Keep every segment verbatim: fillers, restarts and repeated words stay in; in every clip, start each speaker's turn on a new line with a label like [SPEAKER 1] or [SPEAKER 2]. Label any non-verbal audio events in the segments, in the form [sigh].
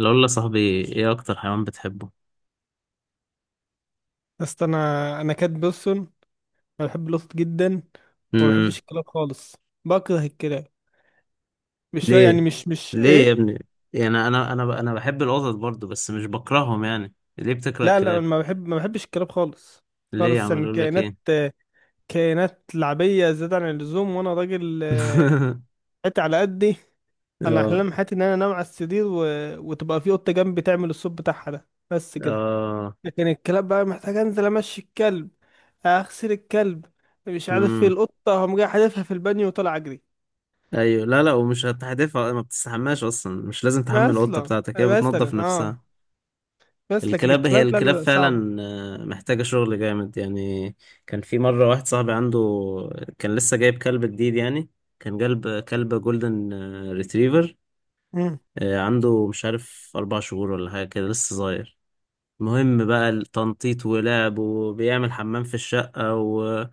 [SPEAKER 1] لو يا صاحبي ايه اكتر حيوان بتحبه؟
[SPEAKER 2] بس انا انا كات بيرسون. انا بحب القطط جدا، وما
[SPEAKER 1] امم.
[SPEAKER 2] بحبش الكلاب خالص. بكره الكلاب. مش يعني
[SPEAKER 1] ليه
[SPEAKER 2] مش مش
[SPEAKER 1] ليه يا
[SPEAKER 2] ايه.
[SPEAKER 1] ابني؟ يعني انا انا انا بحب القطط برضو، بس مش بكرههم. يعني ليه بتكره
[SPEAKER 2] لا لا، أنا
[SPEAKER 1] الكلاب؟
[SPEAKER 2] ما بحب ما بحبش الكلاب خالص.
[SPEAKER 1] ليه يا
[SPEAKER 2] خالص،
[SPEAKER 1] عم؟
[SPEAKER 2] يعني
[SPEAKER 1] اقول لك
[SPEAKER 2] كائنات
[SPEAKER 1] ايه.
[SPEAKER 2] كائنات لعبيه زياده عن اللزوم، وانا راجل. آه،
[SPEAKER 1] [laughs]
[SPEAKER 2] حياتي على قدي. انا
[SPEAKER 1] اه،
[SPEAKER 2] احلام حياتي ان انا انام على السرير و... وتبقى في قطه جنبي تعمل الصوت بتاعها ده، بس كده.
[SPEAKER 1] اه.
[SPEAKER 2] لكن الكلاب بقى محتاج انزل امشي الكلب، اغسل الكلب، مش عارف ايه.
[SPEAKER 1] امم.
[SPEAKER 2] القطه هم جاي حادفها في البانيو وطلع اجري.
[SPEAKER 1] ايوه، لا لا، ومش هتحدفها. ما بتستحماش اصلا، مش لازم تحمل القطه
[SPEAKER 2] مثلا
[SPEAKER 1] بتاعتك، هي
[SPEAKER 2] مثلا
[SPEAKER 1] بتنظف نفسها.
[SPEAKER 2] اه. بس لكن
[SPEAKER 1] الكلاب هي
[SPEAKER 2] الكلاب، لا لا
[SPEAKER 1] الكلاب
[SPEAKER 2] لا صعبة.
[SPEAKER 1] فعلا. آه، محتاجة شغل جامد يعني. كان في مرة واحد صاحبي عنده، كان لسه جايب كلب جديد يعني، كان جلب كلب جولدن ريتريفر.
[SPEAKER 2] مم.
[SPEAKER 1] عنده مش عارف أربع شهور ولا حاجة كده، لسه صغير. المهم بقى، التنطيط ولعب وبيعمل حمام في الشقة و...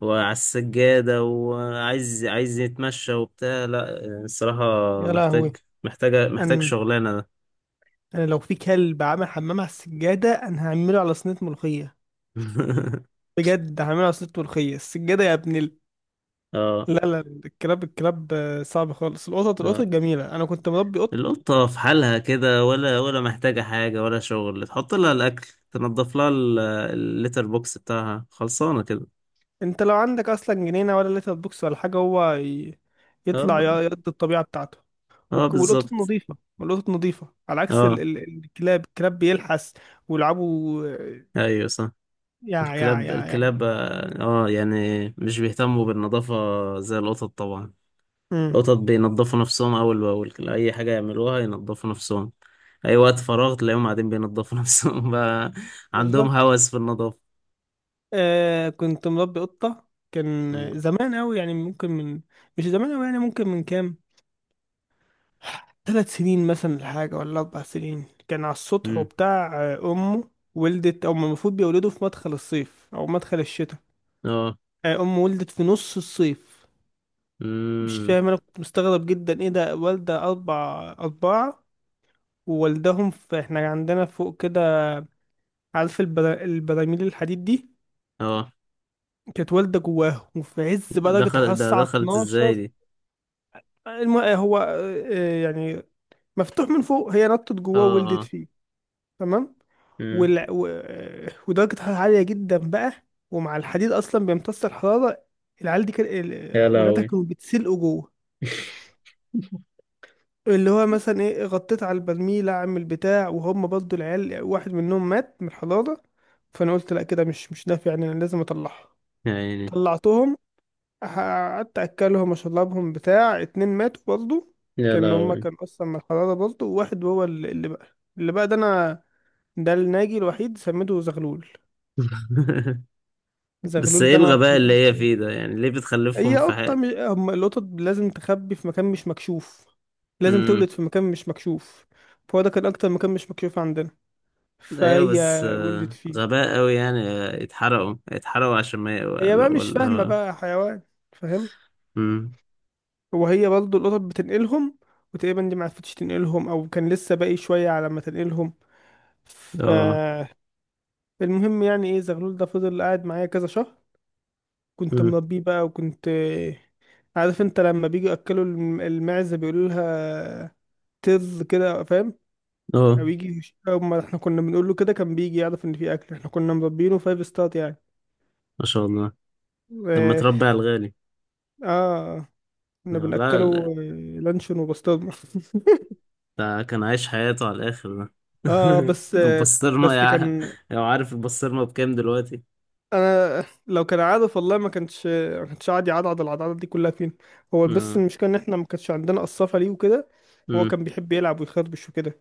[SPEAKER 1] وعلى السجادة، وعايز عايز يتمشى وبتاع، لا الصراحة.
[SPEAKER 2] يا لهوي.
[SPEAKER 1] محتاج. محتاجة محتاج
[SPEAKER 2] أن
[SPEAKER 1] شغلانة ده.
[SPEAKER 2] أنا لو في كلب عامل حمام على السجادة، أنا هعمله على صينية ملوخية.
[SPEAKER 1] [laughs]
[SPEAKER 2] بجد هعمله على صينية ملوخية السجادة، يا ابن ال...
[SPEAKER 1] اه.
[SPEAKER 2] لا لا، الكلاب الكلاب، آه، صعب خالص. القطط القطط
[SPEAKER 1] آه.
[SPEAKER 2] جميلة، أنا كنت مربي قط.
[SPEAKER 1] القطة في حالها كده، ولا ولا محتاجة حاجة ولا شغل. تحط لها الأكل، تنضف لها ال- الليتر بوكس بتاعها، خلصانة كده.
[SPEAKER 2] أنت لو عندك أصلا جنينة ولا لتر بوكس ولا حاجة، هو ي... يطلع، ي-
[SPEAKER 1] اه،
[SPEAKER 2] يقضي الطبيعة بتاعته.
[SPEAKER 1] اه،
[SPEAKER 2] والك- والقطط
[SPEAKER 1] بالظبط.
[SPEAKER 2] نظيفة، والقطط نظيفة على عكس ال...
[SPEAKER 1] اه،
[SPEAKER 2] ال... الكلاب. الكلاب بيلحس ويلعبوا. آه،
[SPEAKER 1] ايوه، صح.
[SPEAKER 2] يا يا
[SPEAKER 1] الكلاب
[SPEAKER 2] يا يا
[SPEAKER 1] الكلاب اه آه، يعني مش بيهتموا بالنظافة زي القطط طبعا.
[SPEAKER 2] امم.
[SPEAKER 1] القطط بينضفوا نفسهم أول بأول، أي حاجة يعملوها ينضفوا نفسهم. أي وقت فراغ تلاقيهم قاعدين بينضفوا [laughs] نفسهم بقى. عندهم
[SPEAKER 2] بالظبط.
[SPEAKER 1] هوس في النظافة.
[SPEAKER 2] آه كنت مربي قطة، كان زمان أوي يعني، ممكن من، مش زمان أوي يعني، ممكن من كام، ثلاث سنين مثلا الحاجة ولا أربع سنين. كان على السطح
[SPEAKER 1] مم.
[SPEAKER 2] وبتاع. آه، أمه ولدت، أو المفروض بيولدوا في مدخل الصيف أو مدخل الشتاء.
[SPEAKER 1] اه.
[SPEAKER 2] آه، أمه ولدت في نص الصيف. مش
[SPEAKER 1] مم.
[SPEAKER 2] فاهم، أنا كنت مستغرب جدا إيه ده. والدة أربع أربعة، ووالدهم في، إحنا عندنا فوق كده، عارف البرا... البراميل الحديد دي،
[SPEAKER 1] اه.
[SPEAKER 2] كانت والدة جواه، وفي عز بقى درجة
[SPEAKER 1] دخلت
[SPEAKER 2] الحرارة،
[SPEAKER 1] ده
[SPEAKER 2] الساعة
[SPEAKER 1] دخلت ازاي
[SPEAKER 2] اتناشر.
[SPEAKER 1] دي؟
[SPEAKER 2] الم... هو، آه، آه، يعني مفتوح من فوق، هي نطت
[SPEAKER 1] اه،
[SPEAKER 2] جواه وولدت
[SPEAKER 1] اه.
[SPEAKER 2] فيه. تمام.
[SPEAKER 1] امم.
[SPEAKER 2] وال... و... آه، ودرجة الحرارة عالية جدا بقى، ومع الحديد أصلا بيمتص الحرارة. العيال دي، كان
[SPEAKER 1] يا
[SPEAKER 2] ال- ولادها
[SPEAKER 1] لهوي.
[SPEAKER 2] كانوا بيتسلقوا جوه، اللي هو مثلا ايه، غطيت على البرميل اعمل بتاع، وهم برضو العيال واحد منهم مات من الحرارة. فانا قلت لا كده مش مش نافع، يعني انا لازم اطلعها.
[SPEAKER 1] يا عيني.
[SPEAKER 2] طلعتهم، قعدت اكلهم واشربهم بتاع اتنين ماتوا برضه.
[SPEAKER 1] [laughs] يا
[SPEAKER 2] كان هما
[SPEAKER 1] لهوي.
[SPEAKER 2] كان اصلا من الحرارة برضه، وواحد هو اللي اللي بقى، اللي بقى ده انا، ده الناجي الوحيد، سميته زغلول.
[SPEAKER 1] بس
[SPEAKER 2] زغلول
[SPEAKER 1] ايه
[SPEAKER 2] ده انا
[SPEAKER 1] الغباء اللي هي
[SPEAKER 2] فضلت-
[SPEAKER 1] فيه ده؟ يعني ليه بتخلفهم
[SPEAKER 2] هي
[SPEAKER 1] في حق؟
[SPEAKER 2] قطة مش... هم القطط لازم تخبي في مكان مش مكشوف، لازم
[SPEAKER 1] امم.
[SPEAKER 2] تولد في مكان مش مكشوف. فهو ده كان اكتر مكان مش مكشوف عندنا،
[SPEAKER 1] ايوه،
[SPEAKER 2] فهي
[SPEAKER 1] بس
[SPEAKER 2] ولدت
[SPEAKER 1] آه،
[SPEAKER 2] فيه.
[SPEAKER 1] غباء قوي يعني، آه، يتحرقوا يتحرقوا عشان ما،
[SPEAKER 2] هي
[SPEAKER 1] ولا
[SPEAKER 2] بقى مش فاهمة
[SPEAKER 1] ولا.
[SPEAKER 2] بقى، حيوان فاهم.
[SPEAKER 1] امم.
[SPEAKER 2] وهي برضه القطط بتنقلهم، وتقريبا دي معرفتش تنقلهم، او كان لسه باقي شويه على ما تنقلهم.
[SPEAKER 1] اه.
[SPEAKER 2] فالمهم يعني ايه، زغلول ده فضل قاعد معايا كذا شهر، كنت
[SPEAKER 1] امم.
[SPEAKER 2] مربيه بقى. وكنت، عارف انت لما بيجوا ياكلوا الم- المعزه بيقولوا لها تز كده، فاهم،
[SPEAKER 1] اه.
[SPEAKER 2] او يجي يش- أو ما احنا كنا بنقول له كده، كان بيجي يعرف ان في اكل. احنا كنا مربينه فايف ستار يعني.
[SPEAKER 1] ما شاء الله. لما
[SPEAKER 2] اه.
[SPEAKER 1] تربي على الغالي.
[SPEAKER 2] آه، كنا
[SPEAKER 1] لا،
[SPEAKER 2] بناكله
[SPEAKER 1] لا.
[SPEAKER 2] آه، لانشون وبسطرمه. [laughs]
[SPEAKER 1] ده كان عايش حياته على الاخر ده.
[SPEAKER 2] اه، بس.
[SPEAKER 1] [laughs]
[SPEAKER 2] آه،
[SPEAKER 1] البسطرمة يا
[SPEAKER 2] بس
[SPEAKER 1] ع-
[SPEAKER 2] كان،
[SPEAKER 1] لو عارف البسطرمة بكام دلوقتي؟
[SPEAKER 2] انا لو كان عارف والله ما كانش ما كانش قاعد يعضعض العضعضات دي كلها. فين هو؟ بس
[SPEAKER 1] آه.
[SPEAKER 2] المشكله ان احنا ما كانش عندنا قصافه ليه وكده. هو
[SPEAKER 1] مم.
[SPEAKER 2] كان بيحب يلعب ويخربش وكده،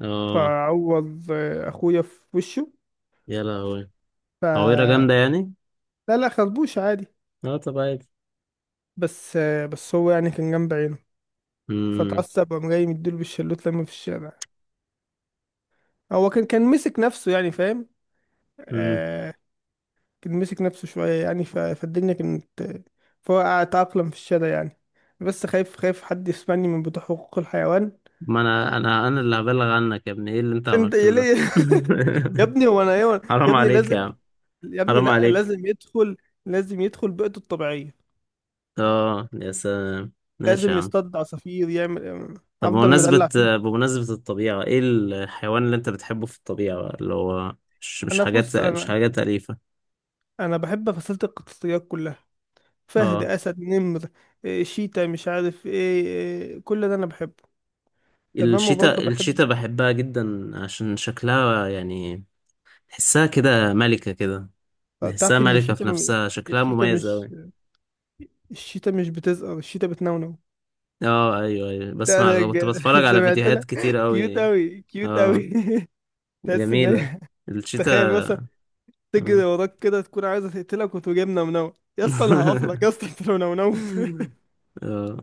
[SPEAKER 1] اه.
[SPEAKER 2] فعوض آه، اخويا في وشه.
[SPEAKER 1] يا لهوي.
[SPEAKER 2] ف
[SPEAKER 1] تعويرة جامدة يعني.
[SPEAKER 2] لا لا، خربوش عادي.
[SPEAKER 1] اه، طب عادي.
[SPEAKER 2] بس آه، بس هو يعني كان جنب عينه،
[SPEAKER 1] امم.
[SPEAKER 2] فتعصب وقام جاي مديله بالشلوت لما في الشارع. هو كان كان مسك نفسه، يعني فاهم.
[SPEAKER 1] امم.
[SPEAKER 2] آه، كان مسك نفسه شوية يعني. ف- فالدنيا كانت، فهو تأقلم في الشارع يعني. بس خايف، خايف حد يسمعني من بتوع حقوق الحيوان.
[SPEAKER 1] ما انا انا انا اللي هبلغ عنك يا ابني، ايه اللي انت
[SPEAKER 2] انت يا
[SPEAKER 1] عملته ده؟
[SPEAKER 2] ليه؟ [laughs] يا ابني هو انا ايه
[SPEAKER 1] [laughs]
[SPEAKER 2] يا
[SPEAKER 1] حرام
[SPEAKER 2] ابني
[SPEAKER 1] عليك يا
[SPEAKER 2] لازم؟
[SPEAKER 1] عم.
[SPEAKER 2] يا ابني
[SPEAKER 1] حرام
[SPEAKER 2] لا،
[SPEAKER 1] عليك.
[SPEAKER 2] لازم يدخل لازم يدخل بيئته الطبيعية،
[SPEAKER 1] اه، يا سلام. ماشي يا
[SPEAKER 2] لازم
[SPEAKER 1] عم.
[SPEAKER 2] يصطاد عصافير، يعمل،
[SPEAKER 1] طب
[SPEAKER 2] افضل مدلع
[SPEAKER 1] بمناسبة
[SPEAKER 2] فيه.
[SPEAKER 1] بمناسبة الطبيعة، ايه الحيوان اللي انت بتحبه في الطبيعة بقى، اللي هو مش مش
[SPEAKER 2] انا
[SPEAKER 1] حاجات
[SPEAKER 2] بص،
[SPEAKER 1] مش
[SPEAKER 2] انا
[SPEAKER 1] حاجات أليفة؟
[SPEAKER 2] انا بحب فصيلة القطاطيات كلها: فهد،
[SPEAKER 1] اه.
[SPEAKER 2] اسد، نمر، إيه، شيتا، مش عارف ايه، إيه، كل ده انا بحبه. تمام، وبرضه
[SPEAKER 1] الشتاء
[SPEAKER 2] بحب،
[SPEAKER 1] الشتاء بحبها جدا عشان شكلها يعني. تحسها كده ملكة كده. بحسها
[SPEAKER 2] تعرف ان
[SPEAKER 1] ملكة في
[SPEAKER 2] الشيتا،
[SPEAKER 1] نفسها، شكلها
[SPEAKER 2] الشيتا
[SPEAKER 1] مميز
[SPEAKER 2] مش،
[SPEAKER 1] أوي.
[SPEAKER 2] الشتاء مش بتزقر، الشتاء بتنونو.
[SPEAKER 1] اه، ايوه، ايوه،
[SPEAKER 2] لا لا،
[SPEAKER 1] بسمع. كنت
[SPEAKER 2] جد. [laughs]
[SPEAKER 1] بتفرج على
[SPEAKER 2] سمعت
[SPEAKER 1] فيديوهات
[SPEAKER 2] لها،
[SPEAKER 1] كتير
[SPEAKER 2] كيوت
[SPEAKER 1] أوي.
[SPEAKER 2] أوي كيوت
[SPEAKER 1] اه،
[SPEAKER 2] أوي، [laughs] تحس إن
[SPEAKER 1] جميلة
[SPEAKER 2] هي،
[SPEAKER 1] الشيتا.
[SPEAKER 2] تخيل مثلا تجري
[SPEAKER 1] اه.
[SPEAKER 2] وراك كده تكون عايزة تقتلك وتقوم جايب نونو. يا اسطى أنا هقفلك يا
[SPEAKER 1] [laughs]
[SPEAKER 2] اسطى أنت لو نونوت. [laughs]
[SPEAKER 1] اه.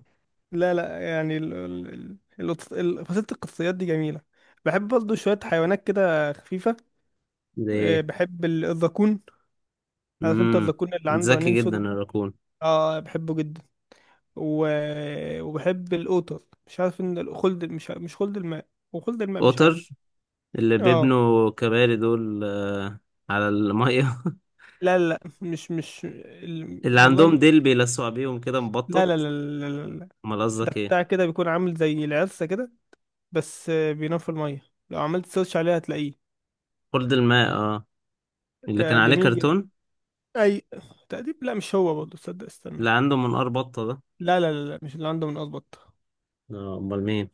[SPEAKER 2] لا لا يعني ال... ال... ال... القط- ال... فصيلة القصيات دي جميلة. بحب برضه شوية حيوانات كده خفيفة.
[SPEAKER 1] ده
[SPEAKER 2] آه،
[SPEAKER 1] ايه؟
[SPEAKER 2] بحب ال- الذكون، عارف انت
[SPEAKER 1] امم.
[SPEAKER 2] الذكون اللي عنده
[SPEAKER 1] ذكي
[SPEAKER 2] عينين
[SPEAKER 1] جدا
[SPEAKER 2] سودا ده.
[SPEAKER 1] الراكون.
[SPEAKER 2] اه، بحبه جدا. و... وبحب القطط، مش عارف ان ال- خلد، مش ع- مش خلد الماء. وخلد الماء، مش عارف.
[SPEAKER 1] قطر، اللي
[SPEAKER 2] اه،
[SPEAKER 1] بيبنوا كباري دول آه، على المية.
[SPEAKER 2] لا لا مش مش
[SPEAKER 1] [laughs]
[SPEAKER 2] ال...
[SPEAKER 1] اللي
[SPEAKER 2] والله
[SPEAKER 1] عندهم ديل
[SPEAKER 2] م-
[SPEAKER 1] بيلسعوا بيهم كده،
[SPEAKER 2] لا لا
[SPEAKER 1] مبطط.
[SPEAKER 2] لا لا لا لا.
[SPEAKER 1] امال
[SPEAKER 2] ده
[SPEAKER 1] قصدك ايه؟
[SPEAKER 2] بتاع كده بيكون عامل زي العرسة كده، بس آه، بينام في المية. لو عملت سيرش عليه هتلاقيه.
[SPEAKER 1] خلد الماء، اه.
[SPEAKER 2] ك-
[SPEAKER 1] اللي كان عليه
[SPEAKER 2] جميل جدا.
[SPEAKER 1] كرتون.
[SPEAKER 2] اي تأديب، لا مش هو، برضه تصدق، استنى.
[SPEAKER 1] اللي عنده منقار بطة ده؟
[SPEAKER 2] لا لا لا لا، مش اللي عنده من، اظبط.
[SPEAKER 1] اه، امال مين؟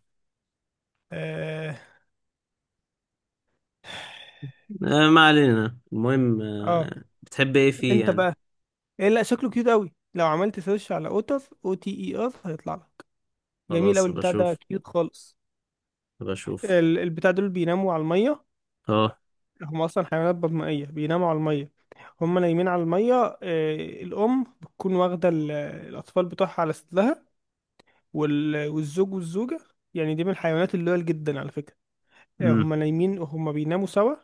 [SPEAKER 2] اه
[SPEAKER 1] آه، ما علينا. المهم
[SPEAKER 2] اه.
[SPEAKER 1] آه، بتحب ايه فيه
[SPEAKER 2] انت
[SPEAKER 1] يعني؟
[SPEAKER 2] بقى، ايه، لا شكله كيوت قوي. لو عملت سيرش على اوتر، او تي اي ار، هيطلع لك. جميل أوي
[SPEAKER 1] خلاص
[SPEAKER 2] البتاع ده،
[SPEAKER 1] بشوف.
[SPEAKER 2] كيوت خالص.
[SPEAKER 1] بشوف.
[SPEAKER 2] ال- البتاع دول بيناموا على المية،
[SPEAKER 1] اه.
[SPEAKER 2] هم أصلا حيوانات بطنية بيناموا على المية. هم نايمين على المية، آه، الأم بتكون واخدة ال- الأطفال بتوعها على صدرها، وال- والزوج والزوجة يعني، دي من الحيوانات اللويال جدا على فكرة. آه،
[SPEAKER 1] امم.
[SPEAKER 2] هم نايمين هم بيناموا سوا،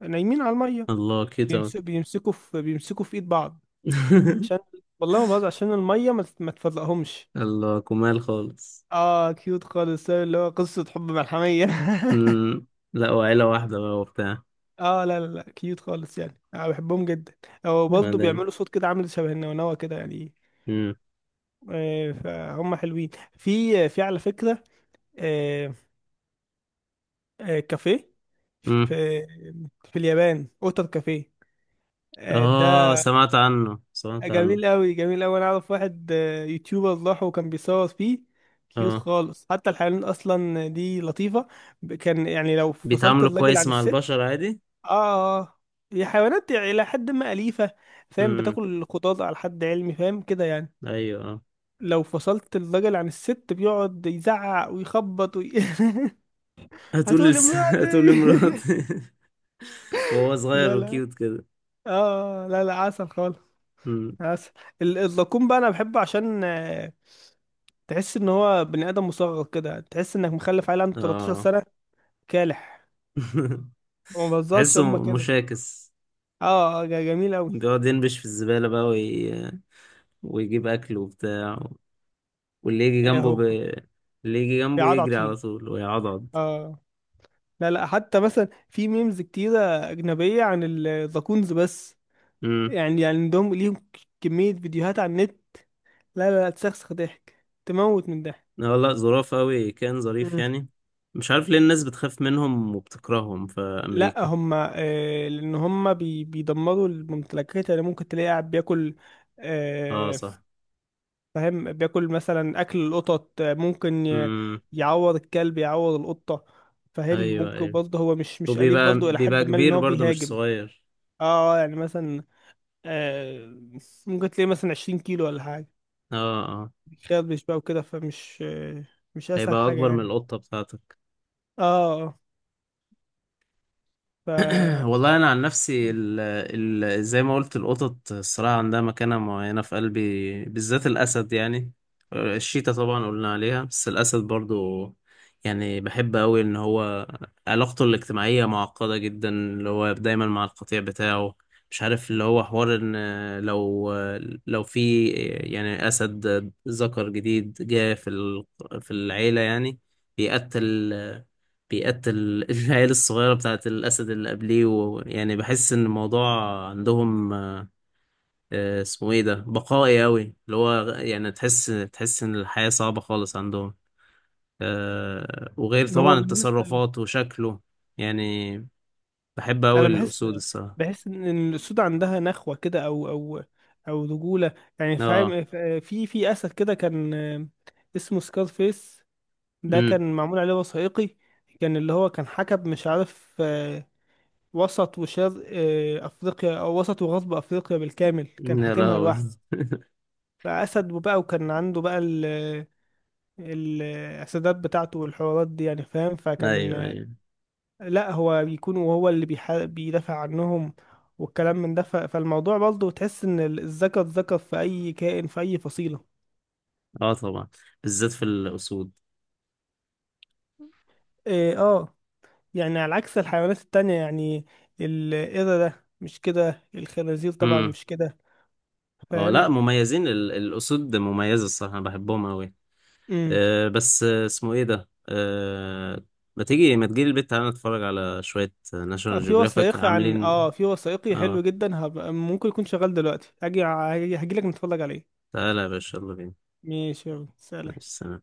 [SPEAKER 2] نايمين على المية.
[SPEAKER 1] الله كده.
[SPEAKER 2] بيمسكوا بيمسكوا في بيمسكوا في إيد بعض
[SPEAKER 1] [laughs]
[SPEAKER 2] عشان، والله ما بهزر، عشان المية ما تت- ما تفرقهمش.
[SPEAKER 1] الله كمال خالص.
[SPEAKER 2] اه، كيوت خالص، اللي هو قصة حب ملحمية. [laughs]
[SPEAKER 1] امم. لا، وعيلة واحدة بقى وبتاع.
[SPEAKER 2] اه لا لا لا، كيوت خالص يعني، انا بحبهم جدا. هو برضه
[SPEAKER 1] بعدين.
[SPEAKER 2] بيعملوا صوت كده، عامل شبه النونوة كده يعني.
[SPEAKER 1] امم.
[SPEAKER 2] آه، فهم حلوين. في في على فكرة، آه، آه، كافيه، في
[SPEAKER 1] امم.
[SPEAKER 2] في اليابان اوتر كافيه. آه، ده
[SPEAKER 1] اه. سمعت عنه، سمعت عنه.
[SPEAKER 2] جميل قوي جميل قوي. انا اعرف واحد آه، يوتيوبر راح وكان بيصور فيه، كيوت
[SPEAKER 1] اه،
[SPEAKER 2] خالص. حتى الحيوانات اصلا دي لطيفة. ب- كان يعني، لو فصلت
[SPEAKER 1] بيتعاملوا
[SPEAKER 2] الراجل
[SPEAKER 1] كويس
[SPEAKER 2] عن
[SPEAKER 1] مع البشر
[SPEAKER 2] الست،
[SPEAKER 1] عادي.
[SPEAKER 2] اه. هي حيوانات الى حد ما اليفه، فاهم،
[SPEAKER 1] امم.
[SPEAKER 2] بتاكل خضار على حد علمي، فاهم كده يعني.
[SPEAKER 1] ايوه. اه.
[SPEAKER 2] لو فصلت الراجل عن الست بيقعد يزعق ويخبط وي... [laughs]
[SPEAKER 1] هتقول
[SPEAKER 2] هتقول
[SPEAKER 1] لس... [laughs] هتقول
[SPEAKER 2] امرأتي. [laughs]
[SPEAKER 1] لمراتي [laughs] وهو صغير
[SPEAKER 2] لا لا،
[SPEAKER 1] وكيوت كده.
[SPEAKER 2] اه. آه، لا لا، عسل خالص،
[SPEAKER 1] امم.
[SPEAKER 2] عسل. ال- الزقوم بقى انا بحبه عشان، آه، تحس ان هو بني ادم مصغر كده، تحس انك مخلف عيل عنده تلتاشر
[SPEAKER 1] اه.
[SPEAKER 2] سنه كالح.
[SPEAKER 1] [laughs]
[SPEAKER 2] ما بهزرش، هما
[SPEAKER 1] تحسه
[SPEAKER 2] كده.
[SPEAKER 1] مشاكس.
[SPEAKER 2] اه، آه، ج- جميل قوي.
[SPEAKER 1] بيقعد ينبش في الزبالة بقى وي... ويجيب أكل وبتاع، واللي يجي
[SPEAKER 2] آه،
[SPEAKER 1] جنبه ب...
[SPEAKER 2] هو
[SPEAKER 1] اللي يجي جنبه
[SPEAKER 2] بيعضعض
[SPEAKER 1] يجري
[SPEAKER 2] فيه.
[SPEAKER 1] على طول ويعضض.
[SPEAKER 2] اه لا لا، حتى مثلا في ميمز كتيرة أجنبية عن الزاكونز، بس
[SPEAKER 1] امم.
[SPEAKER 2] يعني، يعني عندهم ليهم، ك- كمية فيديوهات على النت، لا لا لا، تسخسخ ضحك، تموت من ضحك.
[SPEAKER 1] لا لا، ظراف أوي، كان ظريف
[SPEAKER 2] مم.
[SPEAKER 1] يعني. مش عارف ليه الناس بتخاف منهم وبتكرههم في
[SPEAKER 2] لا،
[SPEAKER 1] أمريكا.
[SPEAKER 2] هما، آه لأن هما بي بيدمروا الممتلكات، يعني ممكن تلاقي قاعد بياكل،
[SPEAKER 1] اه،
[SPEAKER 2] آه
[SPEAKER 1] صح.
[SPEAKER 2] فاهم، بياكل مثلا أكل القطط، آه، ممكن ي-
[SPEAKER 1] امم.
[SPEAKER 2] يعور الكلب، يعور القطة، فاهم.
[SPEAKER 1] أيوه،
[SPEAKER 2] ممكن
[SPEAKER 1] أيوه.
[SPEAKER 2] برضه هو مش مش أليف
[SPEAKER 1] وبيبقى،
[SPEAKER 2] برضه إلى
[SPEAKER 1] بيبقى
[SPEAKER 2] حد ما، إن
[SPEAKER 1] كبير
[SPEAKER 2] هو
[SPEAKER 1] برضه مش
[SPEAKER 2] بيهاجم.
[SPEAKER 1] صغير.
[SPEAKER 2] اه يعني مثلا، آه، ممكن تلاقي مثلا عشرين كيلو ولا حاجة،
[SPEAKER 1] اه، اه،
[SPEAKER 2] بيخربش بقى وكده، فمش، آه، مش أسهل
[SPEAKER 1] هيبقى
[SPEAKER 2] حاجة
[SPEAKER 1] أكبر من
[SPEAKER 2] يعني.
[SPEAKER 1] القطة بتاعتك.
[SPEAKER 2] اه اه. ف
[SPEAKER 1] [clears throat] والله انا عن نفسي، ال ال زي ما قلت، القطط الصراحه عندها مكانه معينه في قلبي، بالذات الاسد يعني. الشيتا طبعا قلنا عليها، بس الاسد برضو. يعني بحب قوي ان هو علاقته الاجتماعيه معقده جدا، اللي هو دايما مع القطيع بتاعه. مش عارف اللي هو حوار ان، لو، لو في يعني اسد ذكر جديد جاء في ال- في العيله يعني، بيقتل، بيقتل [laughs] العيال الصغيرة بتاعت الأسد اللي قبليه. ويعني بحس إن الموضوع عندهم آه، اسمه إيه ده، بقائي أوي، اللي هو يعني تحس، تحس إن الحياة صعبة خالص عندهم. آه، وغير
[SPEAKER 2] هو
[SPEAKER 1] طبعا
[SPEAKER 2] بالنسبة،
[SPEAKER 1] التصرفات وشكله يعني. بحب أوي
[SPEAKER 2] أنا بحس،
[SPEAKER 1] الأسود الصراحة.
[SPEAKER 2] بحس إن الأسود عندها نخوة كده، أو أو أو رجولة يعني
[SPEAKER 1] آه.
[SPEAKER 2] فاهم. في في أسد كده كان، آه، اسمه سكار فيس، ده
[SPEAKER 1] أمم.
[SPEAKER 2] كان معمول عليه وثائقي. كان اللي هو كان حكم، مش عارف، آه، وسط وشرق آه، أفريقيا، أو وسط وغرب أفريقيا بالكامل، كان
[SPEAKER 1] يا
[SPEAKER 2] حاكمها
[SPEAKER 1] لهوي.
[SPEAKER 2] لوحده. بقى أسد، وبقى وكان عنده بقى ال الأسدات بتاعته والحوارات دي يعني فاهم.
[SPEAKER 1] [laughs] أيوه،
[SPEAKER 2] فكان،
[SPEAKER 1] أيوه.
[SPEAKER 2] لا هو بيكون، وهو اللي بيح... بيدافع عنهم والكلام من ده. ف... فالموضوع برضه، تحس إن ال- الذكر ذكر في أي كائن في أي فصيلة.
[SPEAKER 1] آه، طبعا. بالذات في الأسود.
[SPEAKER 2] إيه، آه، يعني على عكس الحيوانات التانية يعني. القردة ده مش كده، الخنازير طبعا
[SPEAKER 1] أمم.
[SPEAKER 2] مش كده،
[SPEAKER 1] آه، لا،
[SPEAKER 2] فاهم.
[SPEAKER 1] مميزين ال- الأسود مميزة الصراحة، أنا بحبهم أوي.
[SPEAKER 2] امم.
[SPEAKER 1] آه، بس آه، اسمه ايه ده آه، ما تيجي ما تجيلي البيت، تعالى نتفرج على شوية
[SPEAKER 2] آه،
[SPEAKER 1] ناشونال
[SPEAKER 2] في
[SPEAKER 1] جيوغرافيك
[SPEAKER 2] وثائقي عن،
[SPEAKER 1] عاملين.
[SPEAKER 2] اه في وثائقي حلو
[SPEAKER 1] اه،
[SPEAKER 2] جدا، هبقى ممكن يكون شغال دلوقتي، هاجي هاجي لك نتفرج عليه.
[SPEAKER 1] تعالى يا باشا، يلا بينا.
[SPEAKER 2] ماشي، يلا سلام.
[SPEAKER 1] ماشي، سلام.